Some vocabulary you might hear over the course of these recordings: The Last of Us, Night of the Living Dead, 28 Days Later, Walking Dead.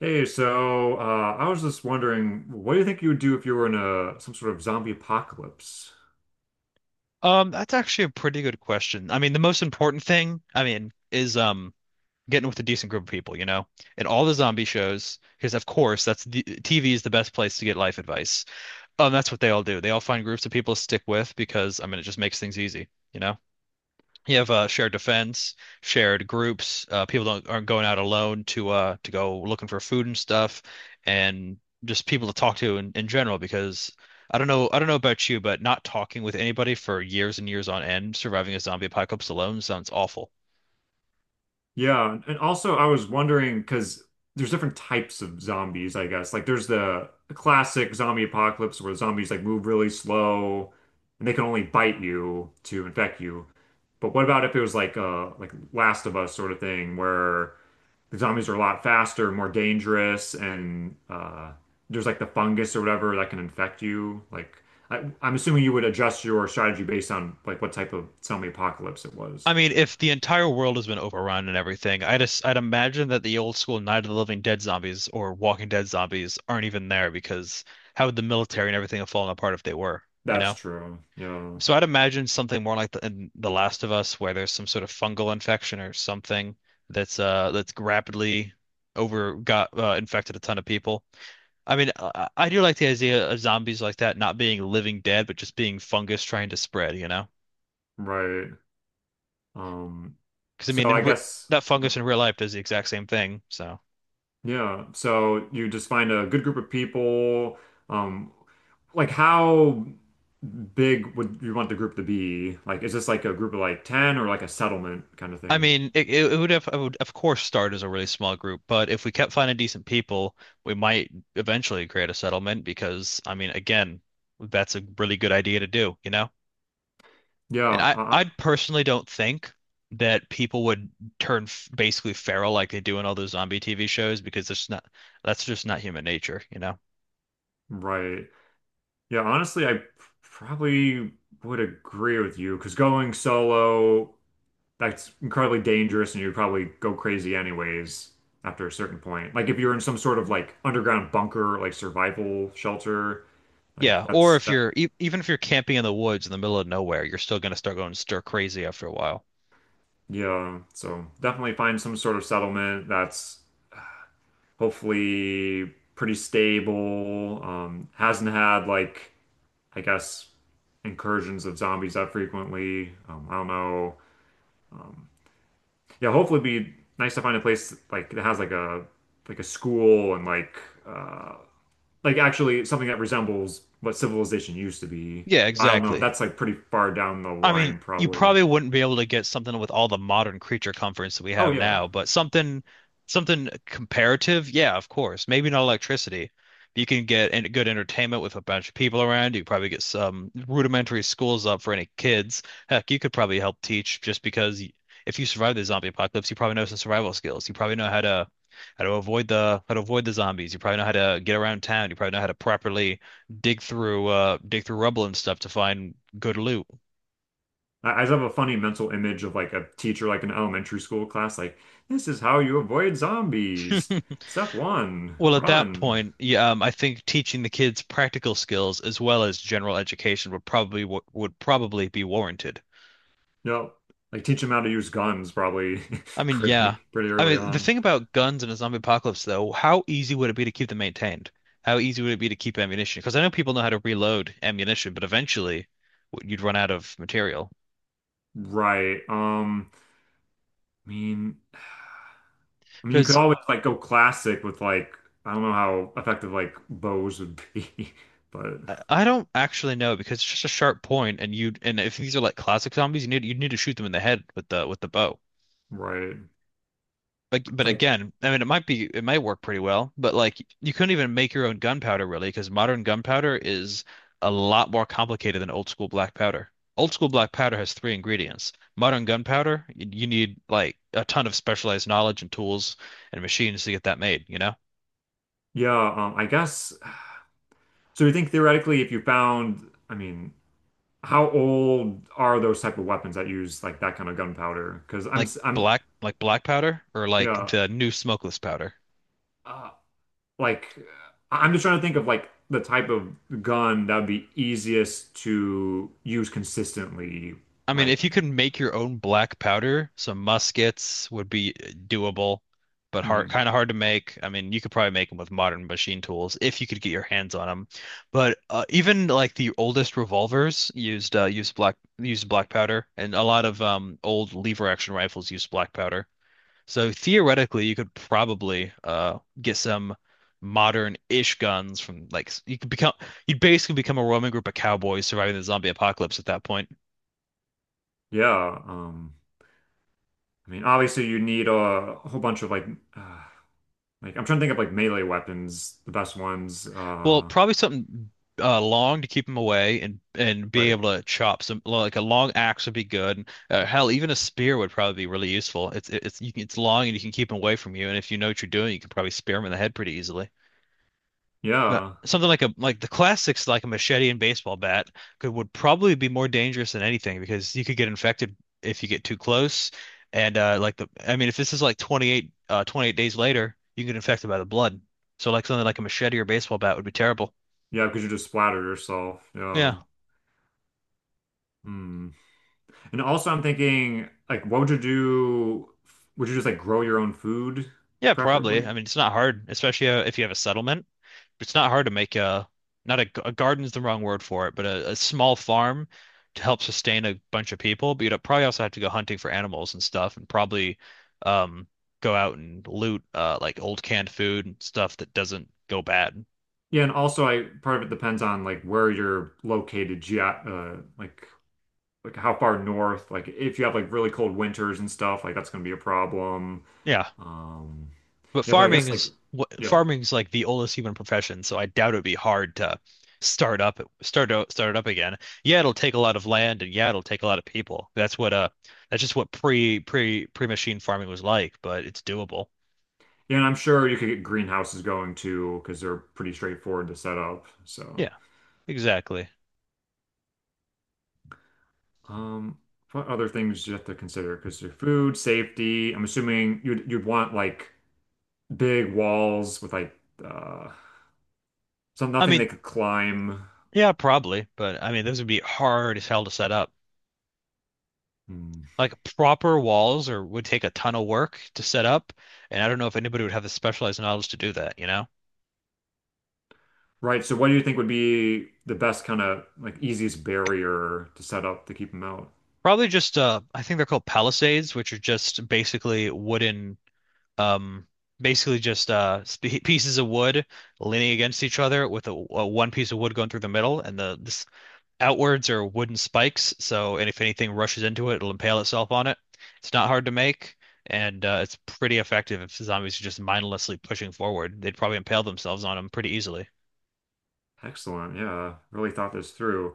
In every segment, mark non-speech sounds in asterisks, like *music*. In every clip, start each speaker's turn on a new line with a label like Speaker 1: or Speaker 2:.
Speaker 1: Hey, I was just wondering, what do you think you would do if you were in a some sort of zombie apocalypse?
Speaker 2: That's actually a pretty good question. I mean, the most important thing, I mean, is getting with a decent group of people, you know, in all the zombie shows, because of course that's the TV is the best place to get life advice. That's what they all do. They all find groups of people to stick with because I mean it just makes things easy, you know? You have shared defense, shared groups. People don't aren't going out alone to go looking for food and stuff, and just people to talk to in general. Because I don't know about you, but not talking with anybody for years and years on end, surviving a zombie apocalypse alone sounds awful.
Speaker 1: Yeah, and also I was wondering because there's different types of zombies, I guess. Like there's the classic zombie apocalypse where zombies like move really slow and they can only bite you to infect you. But what about if it was like Last of Us sort of thing where the zombies are a lot faster, more dangerous, and there's like the fungus or whatever that can infect you. Like I'm assuming you would adjust your strategy based on like what type of zombie apocalypse it was.
Speaker 2: I mean, if the entire world has been overrun and everything, I'd imagine that the old school Night of the Living Dead zombies or Walking Dead zombies aren't even there because how would the military and everything have fallen apart if they were, you
Speaker 1: That's
Speaker 2: know?
Speaker 1: true. Yeah.
Speaker 2: So I'd imagine something more like in The Last of Us, where there's some sort of fungal infection or something that's rapidly over got infected a ton of people. I mean, I do like the idea of zombies like that not being living dead, but just being fungus trying to spread, you know?
Speaker 1: Right. Um,
Speaker 2: Because I mean,
Speaker 1: so
Speaker 2: in
Speaker 1: I
Speaker 2: re
Speaker 1: guess
Speaker 2: that fungus in real life does the exact same thing. So
Speaker 1: yeah. So you just find a good group of people. Um, like how big would you want the group to be? Like, is this like a group of like 10 or like a settlement kind of
Speaker 2: I
Speaker 1: thing?
Speaker 2: mean, I would of course start as a really small group, but if we kept finding decent people, we might eventually create a settlement because, I mean, again, that's a really good idea to do, you know? And
Speaker 1: Yeah,
Speaker 2: I,
Speaker 1: uh,
Speaker 2: I personally don't think that people would turn f basically feral like they do in all those zombie TV shows because there's not, that's just not human nature, you know?
Speaker 1: right. Yeah, honestly, I probably would agree with you because going solo, that's incredibly dangerous and you'd probably go crazy anyways after a certain point. Like if you're in some sort of like underground bunker, like survival shelter, like
Speaker 2: Yeah, or
Speaker 1: that's
Speaker 2: if
Speaker 1: that,
Speaker 2: you're e even if you're camping in the woods in the middle of nowhere, you're still going to start going stir crazy after a while.
Speaker 1: yeah. So definitely find some sort of settlement that's hopefully pretty stable, hasn't had like, I guess, incursions of zombies that frequently. I don't know. Yeah, hopefully it'd be nice to find a place like that has like a school and uh like actually something that resembles what civilization used to be.
Speaker 2: Yeah,
Speaker 1: I don't know.
Speaker 2: exactly.
Speaker 1: That's like pretty far down the
Speaker 2: I
Speaker 1: line
Speaker 2: mean, you
Speaker 1: probably.
Speaker 2: probably wouldn't be able to get something with all the modern creature comforts that we
Speaker 1: Oh
Speaker 2: have
Speaker 1: yeah.
Speaker 2: now, but something comparative, yeah, of course. Maybe not electricity. You can get good entertainment with a bunch of people around. You probably get some rudimentary schools up for any kids. Heck, you could probably help teach just because if you survive the zombie apocalypse, you probably know some survival skills. You probably know how to avoid the zombies. You probably know how to get around town. You probably know how to properly dig through rubble and stuff to find good loot.
Speaker 1: I just have a funny mental image of like a teacher like an elementary school class like this is how you avoid zombies.
Speaker 2: *laughs*
Speaker 1: Step one,
Speaker 2: Well, at that
Speaker 1: run.
Speaker 2: point, yeah, I think teaching the kids practical skills as well as general education would probably be warranted.
Speaker 1: Yep. Like teach them how to use guns probably *laughs*
Speaker 2: I mean,
Speaker 1: pretty
Speaker 2: yeah.
Speaker 1: pretty
Speaker 2: I
Speaker 1: early
Speaker 2: mean, the
Speaker 1: on.
Speaker 2: thing about guns in a zombie apocalypse, though, how easy would it be to keep them maintained? How easy would it be to keep ammunition? Because I know people know how to reload ammunition, but eventually you'd run out of material.
Speaker 1: Right. I mean, I mean, you could
Speaker 2: Because
Speaker 1: always like go classic with like I don't know how effective like bows would be, *laughs* but
Speaker 2: I don't actually know because it's just a sharp point, and you and if these are like classic zombies, you need to shoot them in the head with the bow.
Speaker 1: right.
Speaker 2: But,
Speaker 1: It's
Speaker 2: but
Speaker 1: like
Speaker 2: again, I mean, it might work pretty well, but like you couldn't even make your own gunpowder really, because modern gunpowder is a lot more complicated than old school black powder. Old school black powder has three ingredients. Modern gunpowder, you need like a ton of specialized knowledge and tools and machines to get that made, you know?
Speaker 1: yeah, I guess. So you think theoretically, if you found, I mean, how old are those type of weapons that use like that kind of gunpowder? Because I'm
Speaker 2: Like
Speaker 1: s- I'm
Speaker 2: black, like black powder or like
Speaker 1: yeah,
Speaker 2: the new smokeless powder.
Speaker 1: uh, like I'm just trying to think of like the type of gun that would be easiest to use consistently.
Speaker 2: I mean, if you
Speaker 1: Like
Speaker 2: could make your own black powder, some muskets would be doable, but
Speaker 1: mhm.
Speaker 2: kind of hard to make. I mean, you could probably make them with modern machine tools if you could get your hands on them. But even like the oldest revolvers used used black powder, and a lot of old lever action rifles used black powder. So theoretically, you could probably get some modern-ish guns from like s- you could become you'd basically become a roaming group of cowboys surviving the zombie apocalypse at that point.
Speaker 1: yeah, um. I mean, obviously you need a whole bunch of uh, like I'm trying to think of like melee weapons, the best ones.
Speaker 2: Well, probably something long to keep him away and be
Speaker 1: But
Speaker 2: able to chop some like a long axe would be good. And, hell, even a spear would probably be really useful. It's it's long and you can keep him away from you. And if you know what you're doing, you can probably spear him in the head pretty easily. But
Speaker 1: yeah,
Speaker 2: something like the classics, like a machete and baseball bat, could would probably be more dangerous than anything because you could get infected if you get too close. And like the I mean, if this is like 28 days later, you can get infected by the blood. So like something like a machete or baseball bat would be terrible.
Speaker 1: yeah, because you just splatter yourself. Yeah.
Speaker 2: Yeah.
Speaker 1: Hmm. And also, I'm thinking like, what would you do? Would you just like grow your own food,
Speaker 2: Yeah,
Speaker 1: preferably?
Speaker 2: probably. I mean, it's not hard, especially if you have a settlement. It's not hard to make a not a, g- a garden's the wrong word for it, but a small farm to help sustain a bunch of people. But you'd probably also have to go hunting for animals and stuff, and probably um go out and loot like old canned food and stuff that doesn't go bad.
Speaker 1: Yeah, and also, I part of it depends on like where you're located, ge like how far north. Like if you have like really cold winters and stuff, like that's gonna be a problem.
Speaker 2: Yeah.
Speaker 1: Um,
Speaker 2: But
Speaker 1: yeah, but I guess like. Yeah.
Speaker 2: farming is like the oldest human profession, so I doubt it'd be hard to start it up again. Yeah, it'll take a lot of land and yeah, it'll take a lot of people. That's just what pre-machine farming was like, but it's doable.
Speaker 1: Yeah, and I'm sure you could get greenhouses going too, because they're pretty straightforward to set up. So,
Speaker 2: Yeah, exactly.
Speaker 1: um, what other things do you have to consider? Because your food, safety, I'm assuming you'd want like big walls with like uh some
Speaker 2: I
Speaker 1: nothing they
Speaker 2: mean,
Speaker 1: could climb.
Speaker 2: yeah, probably, but I mean those would be hard as hell to set up.
Speaker 1: Hmm.
Speaker 2: Like proper walls or would take a ton of work to set up, and I don't know if anybody would have the specialized knowledge to do that, you know?
Speaker 1: Right. So what do you think would be the best kind of like easiest barrier to set up to keep them out?
Speaker 2: Probably just I think they're called palisades, which are just basically wooden um basically just sp pieces of wood leaning against each other with a one piece of wood going through the middle and the this outwards are wooden spikes, so and if anything rushes into it, it'll impale itself on it. It's not hard to make and it's pretty effective if zombies are just mindlessly pushing forward. They'd probably impale themselves on them pretty easily.
Speaker 1: Excellent. Yeah. Really thought this through.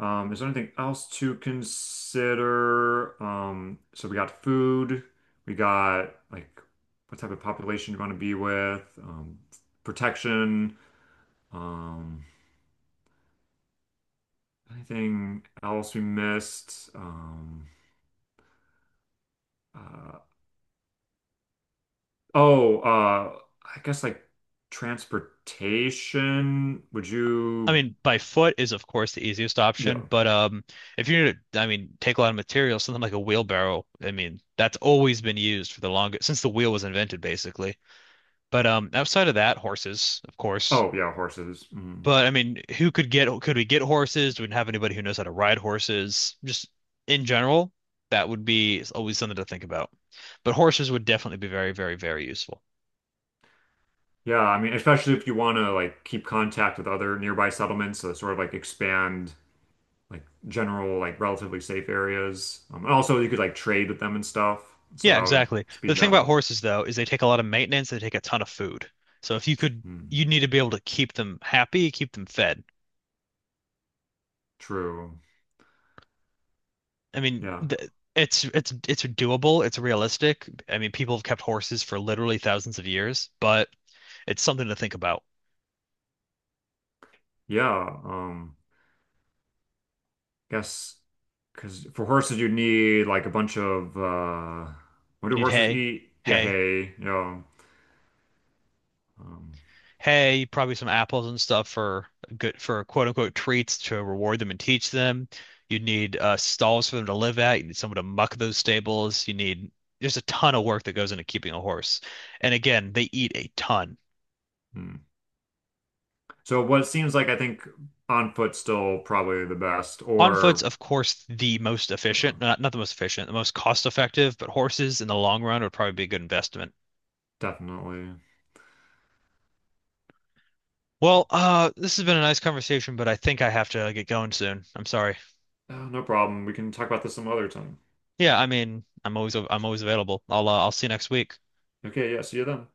Speaker 1: Is there anything else to consider? So we got food, we got like what type of population you want to be with, protection, um, anything else we missed? Uh, oh, uh, I guess like transportation. Would
Speaker 2: I
Speaker 1: you,
Speaker 2: mean, by foot is of course the easiest
Speaker 1: yeah.
Speaker 2: option, but if you're gonna, I mean, take a lot of material, something like a wheelbarrow, I mean, that's always been used for the longest since the wheel was invented, basically. But outside of that, horses, of course.
Speaker 1: Oh, yeah, horses. Mm.
Speaker 2: But I mean, who could get? Could we get horses? Do we have anybody who knows how to ride horses? Just in general, that would be always something to think about. But horses would definitely be very, very, very useful.
Speaker 1: Yeah, I mean, especially if you want to like keep contact with other nearby settlements, so sort of like expand. Like general, like relatively safe areas. And also you could like trade with them and stuff, so
Speaker 2: Yeah,
Speaker 1: that would
Speaker 2: exactly. The
Speaker 1: speed
Speaker 2: thing
Speaker 1: that
Speaker 2: about
Speaker 1: up.
Speaker 2: horses, though, is they take a lot of maintenance, they take a ton of food. So if you could,
Speaker 1: Hmm.
Speaker 2: you need to be able to keep them happy, keep them fed.
Speaker 1: True.
Speaker 2: I mean,
Speaker 1: Yeah.
Speaker 2: th it's it's doable, it's realistic. I mean, people have kept horses for literally thousands of years, but it's something to think about.
Speaker 1: Yeah. Guess because for horses you need like a bunch of what
Speaker 2: You
Speaker 1: do
Speaker 2: need
Speaker 1: horses
Speaker 2: hay,
Speaker 1: eat? Yeah,
Speaker 2: hay.
Speaker 1: hay. You know. Um,
Speaker 2: Hey, probably some apples and stuff for quote unquote treats to reward them and teach them. You need stalls for them to live at. You need someone to muck those stables. You need there's a ton of work that goes into keeping a horse. And again, they eat a ton.
Speaker 1: hmm. So what seems like I think on foot still probably the best,
Speaker 2: On foot's,
Speaker 1: or
Speaker 2: of course, the most
Speaker 1: yeah,
Speaker 2: efficient, not the most efficient, the most cost effective, but horses in the long run would probably be a good investment.
Speaker 1: definitely.
Speaker 2: Well, this has been a nice conversation, but I think I have to get going soon. I'm sorry.
Speaker 1: Oh, no problem. We can talk about this some other time.
Speaker 2: Yeah, I mean, I'm always available. I'll see you next week.
Speaker 1: Okay. Yeah. See you then.